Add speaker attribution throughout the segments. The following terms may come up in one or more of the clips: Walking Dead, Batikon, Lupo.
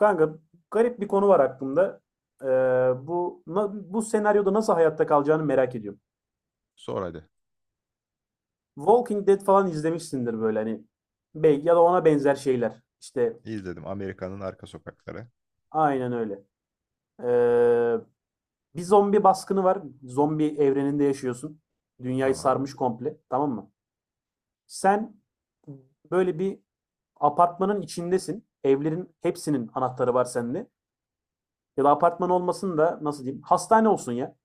Speaker 1: Kanka garip bir konu var aklımda. Ee, bu senaryoda nasıl hayatta kalacağını merak ediyorum.
Speaker 2: Sor hadi.
Speaker 1: Walking Dead falan izlemişsindir böyle hani belki ya da ona benzer şeyler. İşte
Speaker 2: İzledim Amerika'nın arka sokakları.
Speaker 1: aynen öyle. Ee, bir zombi baskını var. Zombi evreninde yaşıyorsun. Dünyayı
Speaker 2: Tamam.
Speaker 1: sarmış komple, tamam mı? Sen böyle bir apartmanın içindesin. Evlerin hepsinin anahtarı var sende. Ya da apartman olmasın da nasıl diyeyim? Hastane olsun ya.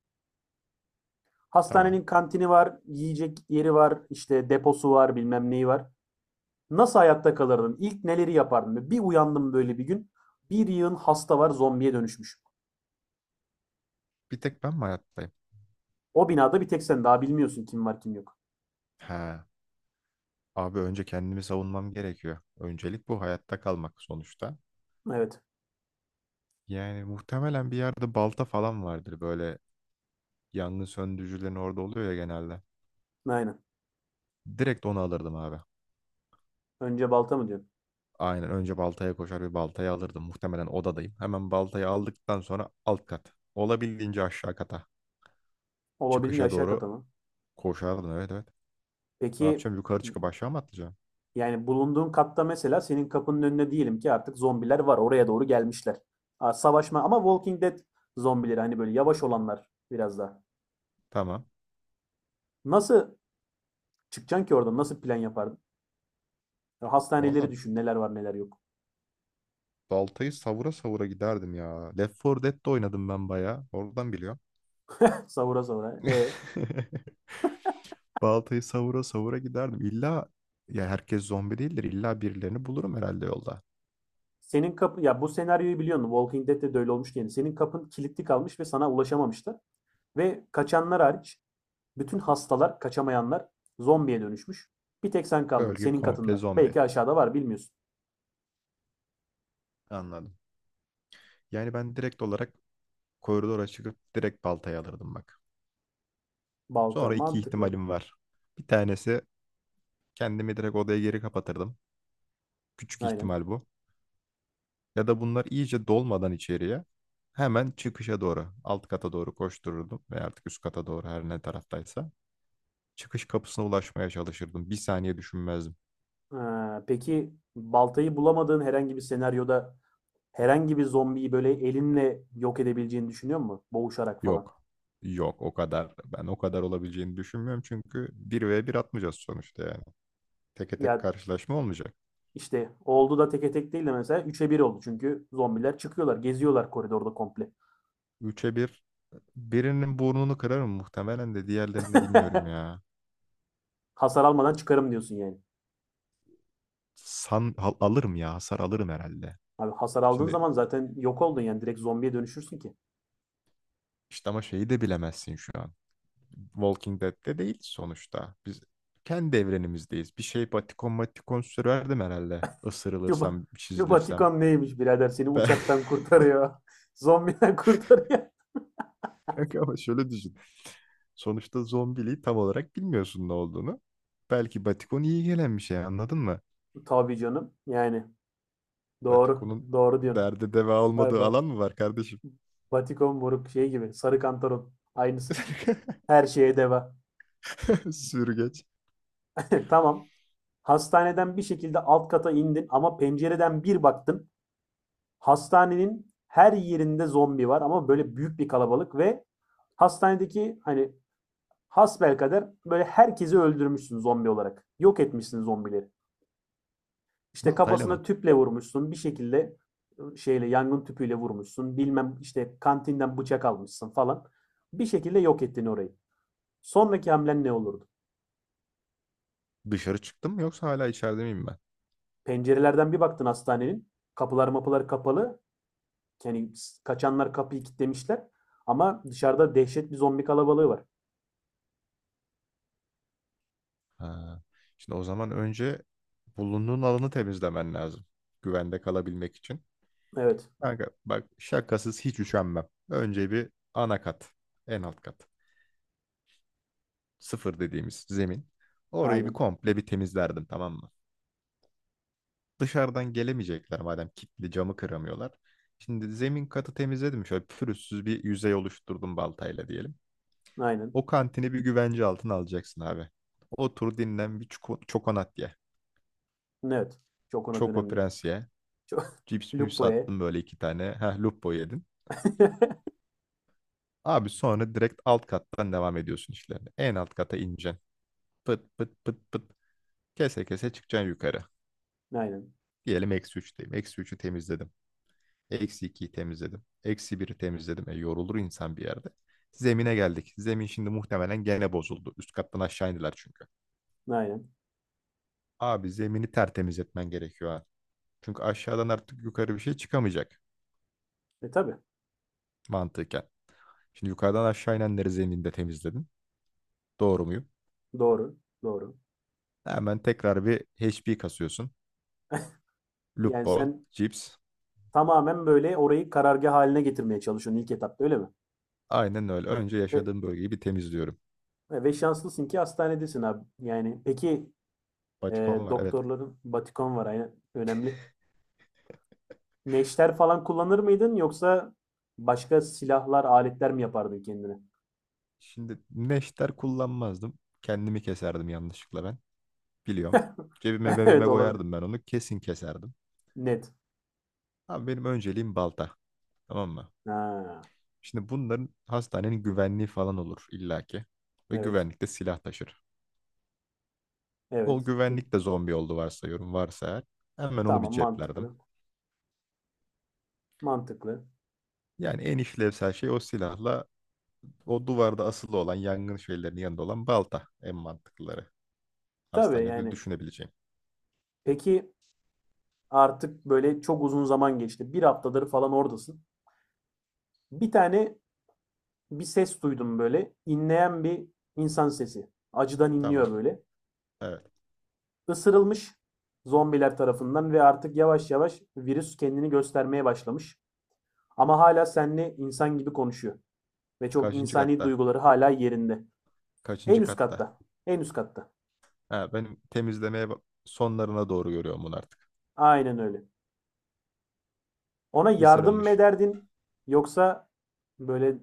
Speaker 2: Tamam.
Speaker 1: Hastanenin kantini var, yiyecek yeri var, işte deposu var, bilmem neyi var. Nasıl hayatta kalırdın? İlk neleri yapardın? Bir uyandım böyle bir gün. Bir yığın hasta var, zombiye dönüşmüş.
Speaker 2: Bir tek ben mi hayattayım?
Speaker 1: O binada bir tek sen daha bilmiyorsun kim var kim yok.
Speaker 2: Ha. Abi önce kendimi savunmam gerekiyor. Öncelik bu hayatta kalmak sonuçta.
Speaker 1: Evet,
Speaker 2: Yani muhtemelen bir yerde balta falan vardır. Böyle yangın söndürücülerin orada oluyor ya genelde.
Speaker 1: aynen.
Speaker 2: Direkt onu alırdım abi.
Speaker 1: Önce balta mı diyorsun?
Speaker 2: Aynen önce baltaya koşar bir baltayı alırdım. Muhtemelen odadayım. Hemen baltayı aldıktan sonra alt kat. Olabildiğince aşağı kata.
Speaker 1: Olabildiğince
Speaker 2: Çıkışa
Speaker 1: aşağı kata
Speaker 2: doğru
Speaker 1: mı?
Speaker 2: koşardım. Evet evet. Ne
Speaker 1: Peki
Speaker 2: yapacağım? Yukarı çıkıp aşağı mı atlayacağım?
Speaker 1: yani bulunduğun katta mesela senin kapının önüne diyelim ki artık zombiler var. Oraya doğru gelmişler. Aa, savaşma ama Walking Dead zombileri hani böyle yavaş olanlar biraz daha.
Speaker 2: Tamam.
Speaker 1: Nasıl çıkacaksın ki oradan? Nasıl plan yapardın? Hastaneleri
Speaker 2: Valla
Speaker 1: düşün neler var neler yok.
Speaker 2: baltayı savura savura giderdim ya. Left 4 Dead'de oynadım ben bayağı. Oradan biliyorum.
Speaker 1: Savura savura.
Speaker 2: Baltayı savura savura giderdim. İlla ya herkes zombi değildir. İlla birilerini bulurum herhalde yolda.
Speaker 1: Senin kapı ya bu senaryoyu biliyorsun. Walking Dead'de de öyle olmuş yani. Senin kapın kilitli kalmış ve sana ulaşamamışlar. Ve kaçanlar hariç bütün hastalar, kaçamayanlar zombiye dönüşmüş. Bir tek sen kaldın
Speaker 2: Bölge
Speaker 1: senin
Speaker 2: komple
Speaker 1: katından.
Speaker 2: zombi.
Speaker 1: Belki aşağıda var bilmiyorsun.
Speaker 2: Anladım. Yani ben direkt olarak koridora çıkıp direkt baltayı alırdım bak.
Speaker 1: Balta
Speaker 2: Sonra iki
Speaker 1: mantıklı.
Speaker 2: ihtimalim var. Bir tanesi kendimi direkt odaya geri kapatırdım. Küçük
Speaker 1: Aynen.
Speaker 2: ihtimal bu. Ya da bunlar iyice dolmadan içeriye hemen çıkışa doğru, alt kata doğru koştururdum ve artık üst kata doğru her ne taraftaysa çıkış kapısına ulaşmaya çalışırdım. Bir saniye düşünmezdim.
Speaker 1: Ha, peki baltayı bulamadığın herhangi bir senaryoda herhangi bir zombiyi böyle elinle yok edebileceğini düşünüyor musun? Boğuşarak falan.
Speaker 2: Yok. Yok o kadar. Ben o kadar olabileceğini düşünmüyorum çünkü bir ve bir atmayacağız sonuçta yani. Teke tek
Speaker 1: Ya
Speaker 2: karşılaşma olmayacak.
Speaker 1: İşte oldu da teke tek değil de mesela üç'e bir oldu. Çünkü zombiler çıkıyorlar, geziyorlar koridorda komple.
Speaker 2: Üçe bir birinin burnunu kırarım muhtemelen de diğerlerini bilmiyorum ya.
Speaker 1: Hasar almadan çıkarım diyorsun yani.
Speaker 2: Alırım ya hasar alırım herhalde.
Speaker 1: Abi hasar aldığın
Speaker 2: Şimdi
Speaker 1: zaman zaten yok oldun yani direkt zombiye dönüşürsün ki.
Speaker 2: işte ama şeyi de bilemezsin şu an. Walking Dead'de değil sonuçta. Biz kendi evrenimizdeyiz. Bir şey batikon matikon sürerdim herhalde.
Speaker 1: Şu,
Speaker 2: Isırılırsam, çizilirsem.
Speaker 1: neymiş birader seni
Speaker 2: Ben.
Speaker 1: uçaktan kurtarıyor. Zombiden kurtarıyor.
Speaker 2: Kanka ama şöyle düşün. Sonuçta zombiliği tam olarak bilmiyorsun ne olduğunu. Belki batikon iyi gelen bir şey, anladın mı?
Speaker 1: Tabii canım. Yani doğru.
Speaker 2: Batikonun
Speaker 1: Doğru diyorsun.
Speaker 2: derde deva
Speaker 1: Bay
Speaker 2: olmadığı
Speaker 1: bay.
Speaker 2: alan mı var kardeşim?
Speaker 1: Batikon moruk şey gibi. Sarı kantaron. Aynısı. Her şeye deva.
Speaker 2: Sürgeç.
Speaker 1: Tamam. Hastaneden bir şekilde alt kata indin ama pencereden bir baktın. Hastanenin her yerinde zombi var ama böyle büyük bir kalabalık ve hastanedeki hani hasbelkader böyle herkesi öldürmüşsün zombi olarak. Yok etmişsin zombileri. İşte
Speaker 2: Baltayla
Speaker 1: kafasına
Speaker 2: mı?
Speaker 1: tüple vurmuşsun bir şekilde şeyle yangın tüpüyle vurmuşsun. Bilmem işte kantinden bıçak almışsın falan. Bir şekilde yok ettin orayı. Sonraki hamlen ne olurdu?
Speaker 2: Dışarı çıktım mı yoksa hala içeride miyim ben?
Speaker 1: Pencerelerden bir baktın hastanenin. Kapılar mapılar kapalı. Yani kaçanlar kapıyı kilitlemişler. Ama dışarıda dehşet bir zombi kalabalığı var.
Speaker 2: Ha. Şimdi o zaman önce bulunduğun alanı temizlemen lazım. Güvende kalabilmek için.
Speaker 1: Evet.
Speaker 2: Kanka bak şakasız hiç üşenmem. Önce bir ana kat. En alt kat. Sıfır dediğimiz zemin. Orayı bir
Speaker 1: Aynen.
Speaker 2: komple bir temizlerdim, tamam mı? Dışarıdan gelemeyecekler madem, kilitli camı kıramıyorlar. Şimdi zemin katı temizledim. Şöyle pürüzsüz bir yüzey oluşturdum baltayla diyelim.
Speaker 1: Aynen.
Speaker 2: O kantini bir güvence altına alacaksın abi. Otur dinlen, bir çokonat ye.
Speaker 1: Evet. Çok ona
Speaker 2: Çoko
Speaker 1: önemli.
Speaker 2: Prens ye.
Speaker 1: Çok
Speaker 2: Cips mips
Speaker 1: Lupo'ya.
Speaker 2: attın böyle iki tane. Heh, lupo yedin. Abi sonra direkt alt kattan devam ediyorsun işlerine. En alt kata ineceksin. Pıt pıt pıt pıt. Kese kese çıkacaksın yukarı.
Speaker 1: Aynen.
Speaker 2: Diyelim eksi üçteyim. Eksi üçü temizledim. Eksi ikiyi temizledim. Eksi biri temizledim. E, yorulur insan bir yerde. Zemine geldik. Zemin şimdi muhtemelen gene bozuldu. Üst kattan aşağı indiler çünkü.
Speaker 1: Aynen.
Speaker 2: Abi zemini tertemiz etmen gerekiyor ha. Çünkü aşağıdan artık yukarı bir şey çıkamayacak
Speaker 1: E tabii.
Speaker 2: mantıken. Şimdi yukarıdan aşağı inenleri zeminde temizledin. Doğru muyum?
Speaker 1: Doğru. Doğru.
Speaker 2: Hemen tekrar bir HP kasıyorsun.
Speaker 1: Yani
Speaker 2: Lupo,
Speaker 1: sen
Speaker 2: Cips.
Speaker 1: tamamen böyle orayı karargah haline getirmeye çalışıyorsun ilk etapta öyle mi?
Speaker 2: Aynen öyle. Önce
Speaker 1: Ve,
Speaker 2: yaşadığım bölgeyi bir temizliyorum.
Speaker 1: ve şanslısın ki hastanedesin abi. Yani peki
Speaker 2: Batikon var evet.
Speaker 1: doktorların Batikon var aynen. Önemli. Neşter falan kullanır mıydın yoksa başka silahlar, aletler mi yapardın kendine?
Speaker 2: Şimdi neşter kullanmazdım. Kendimi keserdim yanlışlıkla ben. Biliyorum. Cebime mebime
Speaker 1: Evet olabilir.
Speaker 2: koyardım ben onu. Kesin keserdim.
Speaker 1: Net.
Speaker 2: Ama benim önceliğim balta. Tamam mı?
Speaker 1: Ha,
Speaker 2: Şimdi bunların hastanenin güvenliği falan olur illaki. Ve
Speaker 1: evet.
Speaker 2: güvenlik de silah taşır. O
Speaker 1: Evet.
Speaker 2: güvenlik de zombi oldu varsayıyorum, varsa eğer. Hemen onu bir
Speaker 1: Tamam
Speaker 2: ceplerdim.
Speaker 1: mantıklı. Mantıklı.
Speaker 2: Yani en işlevsel şey o silahla, o duvarda asılı olan yangın şeylerinin yanında olan balta en mantıklıları.
Speaker 1: Tabii,
Speaker 2: Hastanede
Speaker 1: yani.
Speaker 2: düşünebileceğim.
Speaker 1: Peki, artık, böyle, çok uzun zaman geçti. Bir haftadır falan oradasın. Bir tane bir ses duydum böyle, inleyen bir insan sesi. Acıdan inliyor,
Speaker 2: Tamam.
Speaker 1: böyle.
Speaker 2: Evet.
Speaker 1: Isırılmış zombiler tarafından ve artık yavaş yavaş virüs kendini göstermeye başlamış. Ama hala seninle insan gibi konuşuyor ve çok
Speaker 2: Kaçıncı
Speaker 1: insani
Speaker 2: katta?
Speaker 1: duyguları hala yerinde. En
Speaker 2: Kaçıncı
Speaker 1: üst
Speaker 2: katta?
Speaker 1: katta, en üst katta.
Speaker 2: Ha, benim temizlemeye sonlarına doğru görüyorum bunu artık.
Speaker 1: Aynen öyle. Ona yardım mı
Speaker 2: Isırılmış.
Speaker 1: ederdin yoksa, böyle,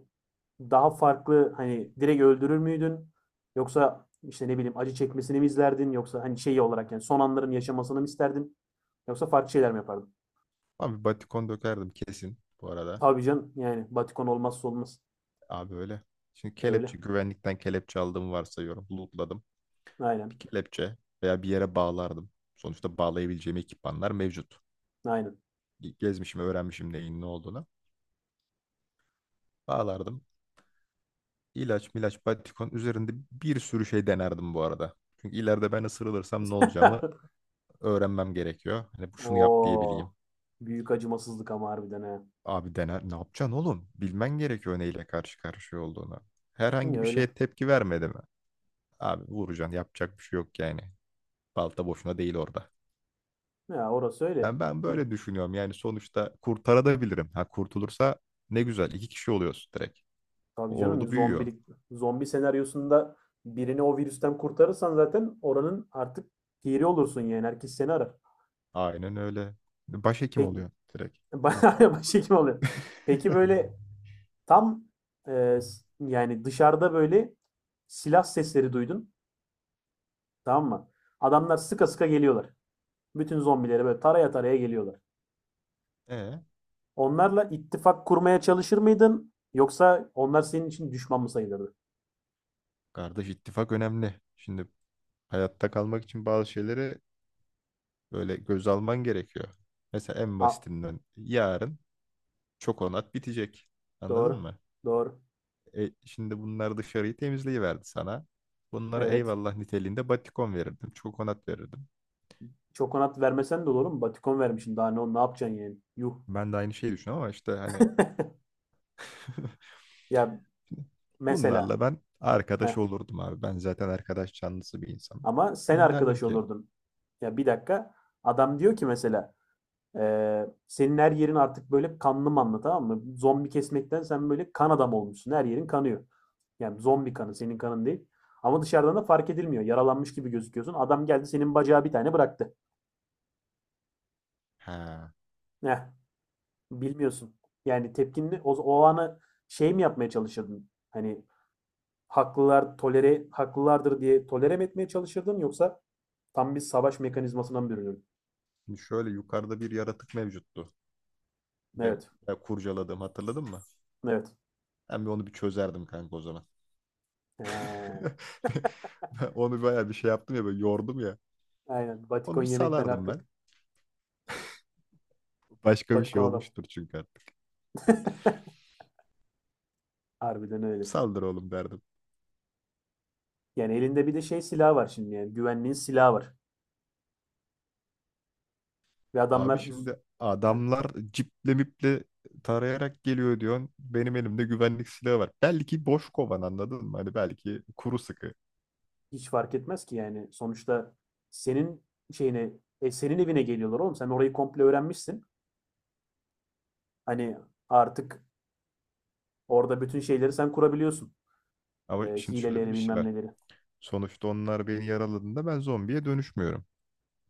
Speaker 1: daha farklı hani direkt öldürür müydün? Yoksa işte ne bileyim acı çekmesini mi izlerdin? Yoksa hani şeyi olarak yani son anların yaşamasını mı isterdin? Yoksa farklı şeyler mi yapardın?
Speaker 2: Abi batikon dökerdim kesin bu arada.
Speaker 1: Tabii canım yani Batikon olmazsa olmaz.
Speaker 2: Abi öyle. Şimdi
Speaker 1: Öyle.
Speaker 2: kelepçe, güvenlikten kelepçe aldığımı varsayıyorum. Lootladım. Bir
Speaker 1: Aynen.
Speaker 2: kelepçe veya bir yere bağlardım. Sonuçta bağlayabileceğim ekipmanlar mevcut.
Speaker 1: Aynen.
Speaker 2: Gezmişim, öğrenmişim neyin ne olduğunu. Bağlardım. İlaç, milaç, batikon üzerinde bir sürü şey denerdim bu arada. Çünkü ileride ben ısırılırsam ne olacağımı öğrenmem gerekiyor. Hani bu, şunu yap diyebileyim.
Speaker 1: Oo. Büyük acımasızlık ama harbiden ha.
Speaker 2: Abi dener, ne yapacaksın oğlum? Bilmen gerekiyor neyle karşı karşıya olduğunu.
Speaker 1: Hı,
Speaker 2: Herhangi bir
Speaker 1: öyle.
Speaker 2: şeye tepki vermedi mi? Abi vuracaksın, yapacak bir şey yok yani. Balta boşuna değil orada.
Speaker 1: Ya orası öyle.
Speaker 2: Ben
Speaker 1: Hı,
Speaker 2: böyle düşünüyorum. Yani sonuçta kurtarabilirim. Ha kurtulursa ne güzel. İki kişi oluyoruz direkt.
Speaker 1: tabii canım
Speaker 2: Ordu büyüyor.
Speaker 1: zombilik zombi senaryosunda birini o virüsten kurtarırsan zaten oranın artık piri olursun yani herkes seni arar.
Speaker 2: Aynen öyle. Başhekim
Speaker 1: Peki
Speaker 2: oluyor direkt. Heh.
Speaker 1: bayağı başhekim oluyor. Peki böyle tam e, yani dışarıda böyle silah sesleri duydun. Tamam mı? Adamlar sıka sıka geliyorlar. Bütün zombileri böyle taraya taraya geliyorlar.
Speaker 2: E,
Speaker 1: Onlarla ittifak kurmaya çalışır mıydın? Yoksa onlar senin için düşman mı sayılırdı?
Speaker 2: kardeş ittifak önemli. Şimdi hayatta kalmak için bazı şeyleri böyle göz alman gerekiyor. Mesela en
Speaker 1: Aa,
Speaker 2: basitinden yarın çok onat bitecek. Anladın
Speaker 1: doğru.
Speaker 2: mı?
Speaker 1: Doğru.
Speaker 2: E, şimdi bunlar dışarıyı temizleyiverdi sana. Bunlara
Speaker 1: Evet.
Speaker 2: eyvallah niteliğinde batikon verirdim. Çok onat verirdim.
Speaker 1: Çokonat vermesen de olur mu? Batikon vermişsin. Daha ne yapacaksın yani? Yuh.
Speaker 2: Ben de aynı şeyi düşünüyorum ama işte hani
Speaker 1: Ya mesela.
Speaker 2: bunlarla ben
Speaker 1: Heh.
Speaker 2: arkadaş olurdum abi. Ben zaten arkadaş canlısı bir insanım.
Speaker 1: Ama sen
Speaker 2: Ben derdim
Speaker 1: arkadaş
Speaker 2: ki
Speaker 1: olurdun. Ya bir dakika. Adam diyor ki mesela senin her yerin artık böyle kanlı manlı tamam mı? Zombi kesmekten sen böyle kan adam olmuşsun. Her yerin kanıyor. Yani zombi kanı senin kanın değil. Ama dışarıdan da fark edilmiyor. Yaralanmış gibi gözüküyorsun. Adam geldi senin bacağı bir tane bıraktı.
Speaker 2: ha,
Speaker 1: Heh, bilmiyorsun. Yani tepkinli o anı şey mi yapmaya çalışırdın? Hani haklılar tolere haklılardır diye tolere mi etmeye çalışırdın yoksa tam bir savaş mekanizmasına mı bürünürdün?
Speaker 2: şimdi şöyle yukarıda bir yaratık mevcuttu. Benim
Speaker 1: Evet.
Speaker 2: ya kurcaladığım, hatırladın mı?
Speaker 1: Evet.
Speaker 2: Ben bir onu bir çözerdim kanka o zaman.
Speaker 1: Ee,
Speaker 2: Ben onu bayağı bir şey yaptım ya, böyle yordum ya.
Speaker 1: aynen. Batikon
Speaker 2: Onu bir
Speaker 1: yemekten
Speaker 2: salardım ben.
Speaker 1: artık
Speaker 2: Başka bir şey
Speaker 1: Batikon adam.
Speaker 2: olmuştur çünkü artık.
Speaker 1: Harbiden öyle.
Speaker 2: Saldır oğlum derdim.
Speaker 1: Yani elinde bir de şey silah var şimdi yani güvenliğin silahı var. Ve
Speaker 2: Abi
Speaker 1: adamlar
Speaker 2: şimdi
Speaker 1: Heh,
Speaker 2: adamlar ciple miple tarayarak geliyor diyorsun. Benim elimde güvenlik silahı var. Belki boş kovan, anladın mı? Hani belki kuru sıkı.
Speaker 1: hiç fark etmez ki yani sonuçta senin şeyine senin evine geliyorlar oğlum. Sen orayı komple öğrenmişsin. Hani artık orada bütün şeyleri sen kurabiliyorsun.
Speaker 2: Ama şimdi şöyle de
Speaker 1: Hileleri
Speaker 2: bir şey
Speaker 1: bilmem
Speaker 2: var.
Speaker 1: neleri.
Speaker 2: Sonuçta onlar beni yaraladığında ben zombiye dönüşmüyorum.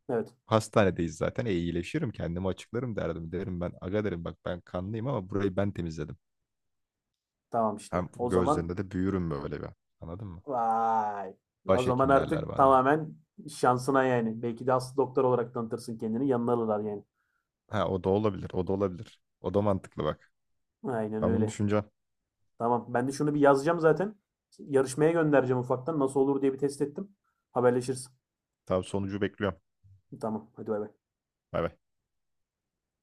Speaker 1: Evet
Speaker 2: Hastanedeyiz zaten. E, iyileşirim kendimi açıklarım derdim. Derim ben, aga derim bak, ben kanlıyım ama burayı ben temizledim.
Speaker 1: tamam işte.
Speaker 2: Hem
Speaker 1: O zaman
Speaker 2: gözlerinde de büyürüm böyle bir. Anladın mı?
Speaker 1: vay. O zaman
Speaker 2: Başhekim derler
Speaker 1: artık
Speaker 2: bana.
Speaker 1: tamamen şansına yani. Belki de aslı doktor olarak tanıtırsın kendini. Yanına alırlar yani.
Speaker 2: Ha o da olabilir. O da olabilir. O da mantıklı bak.
Speaker 1: Aynen
Speaker 2: Ben bunu
Speaker 1: öyle.
Speaker 2: düşüneceğim.
Speaker 1: Tamam. Ben de şunu bir yazacağım zaten. Yarışmaya göndereceğim ufaktan. Nasıl olur diye bir test ettim. Haberleşiriz.
Speaker 2: Tabii sonucu bekliyorum.
Speaker 1: Tamam. Hadi bay bay.
Speaker 2: Bay bay.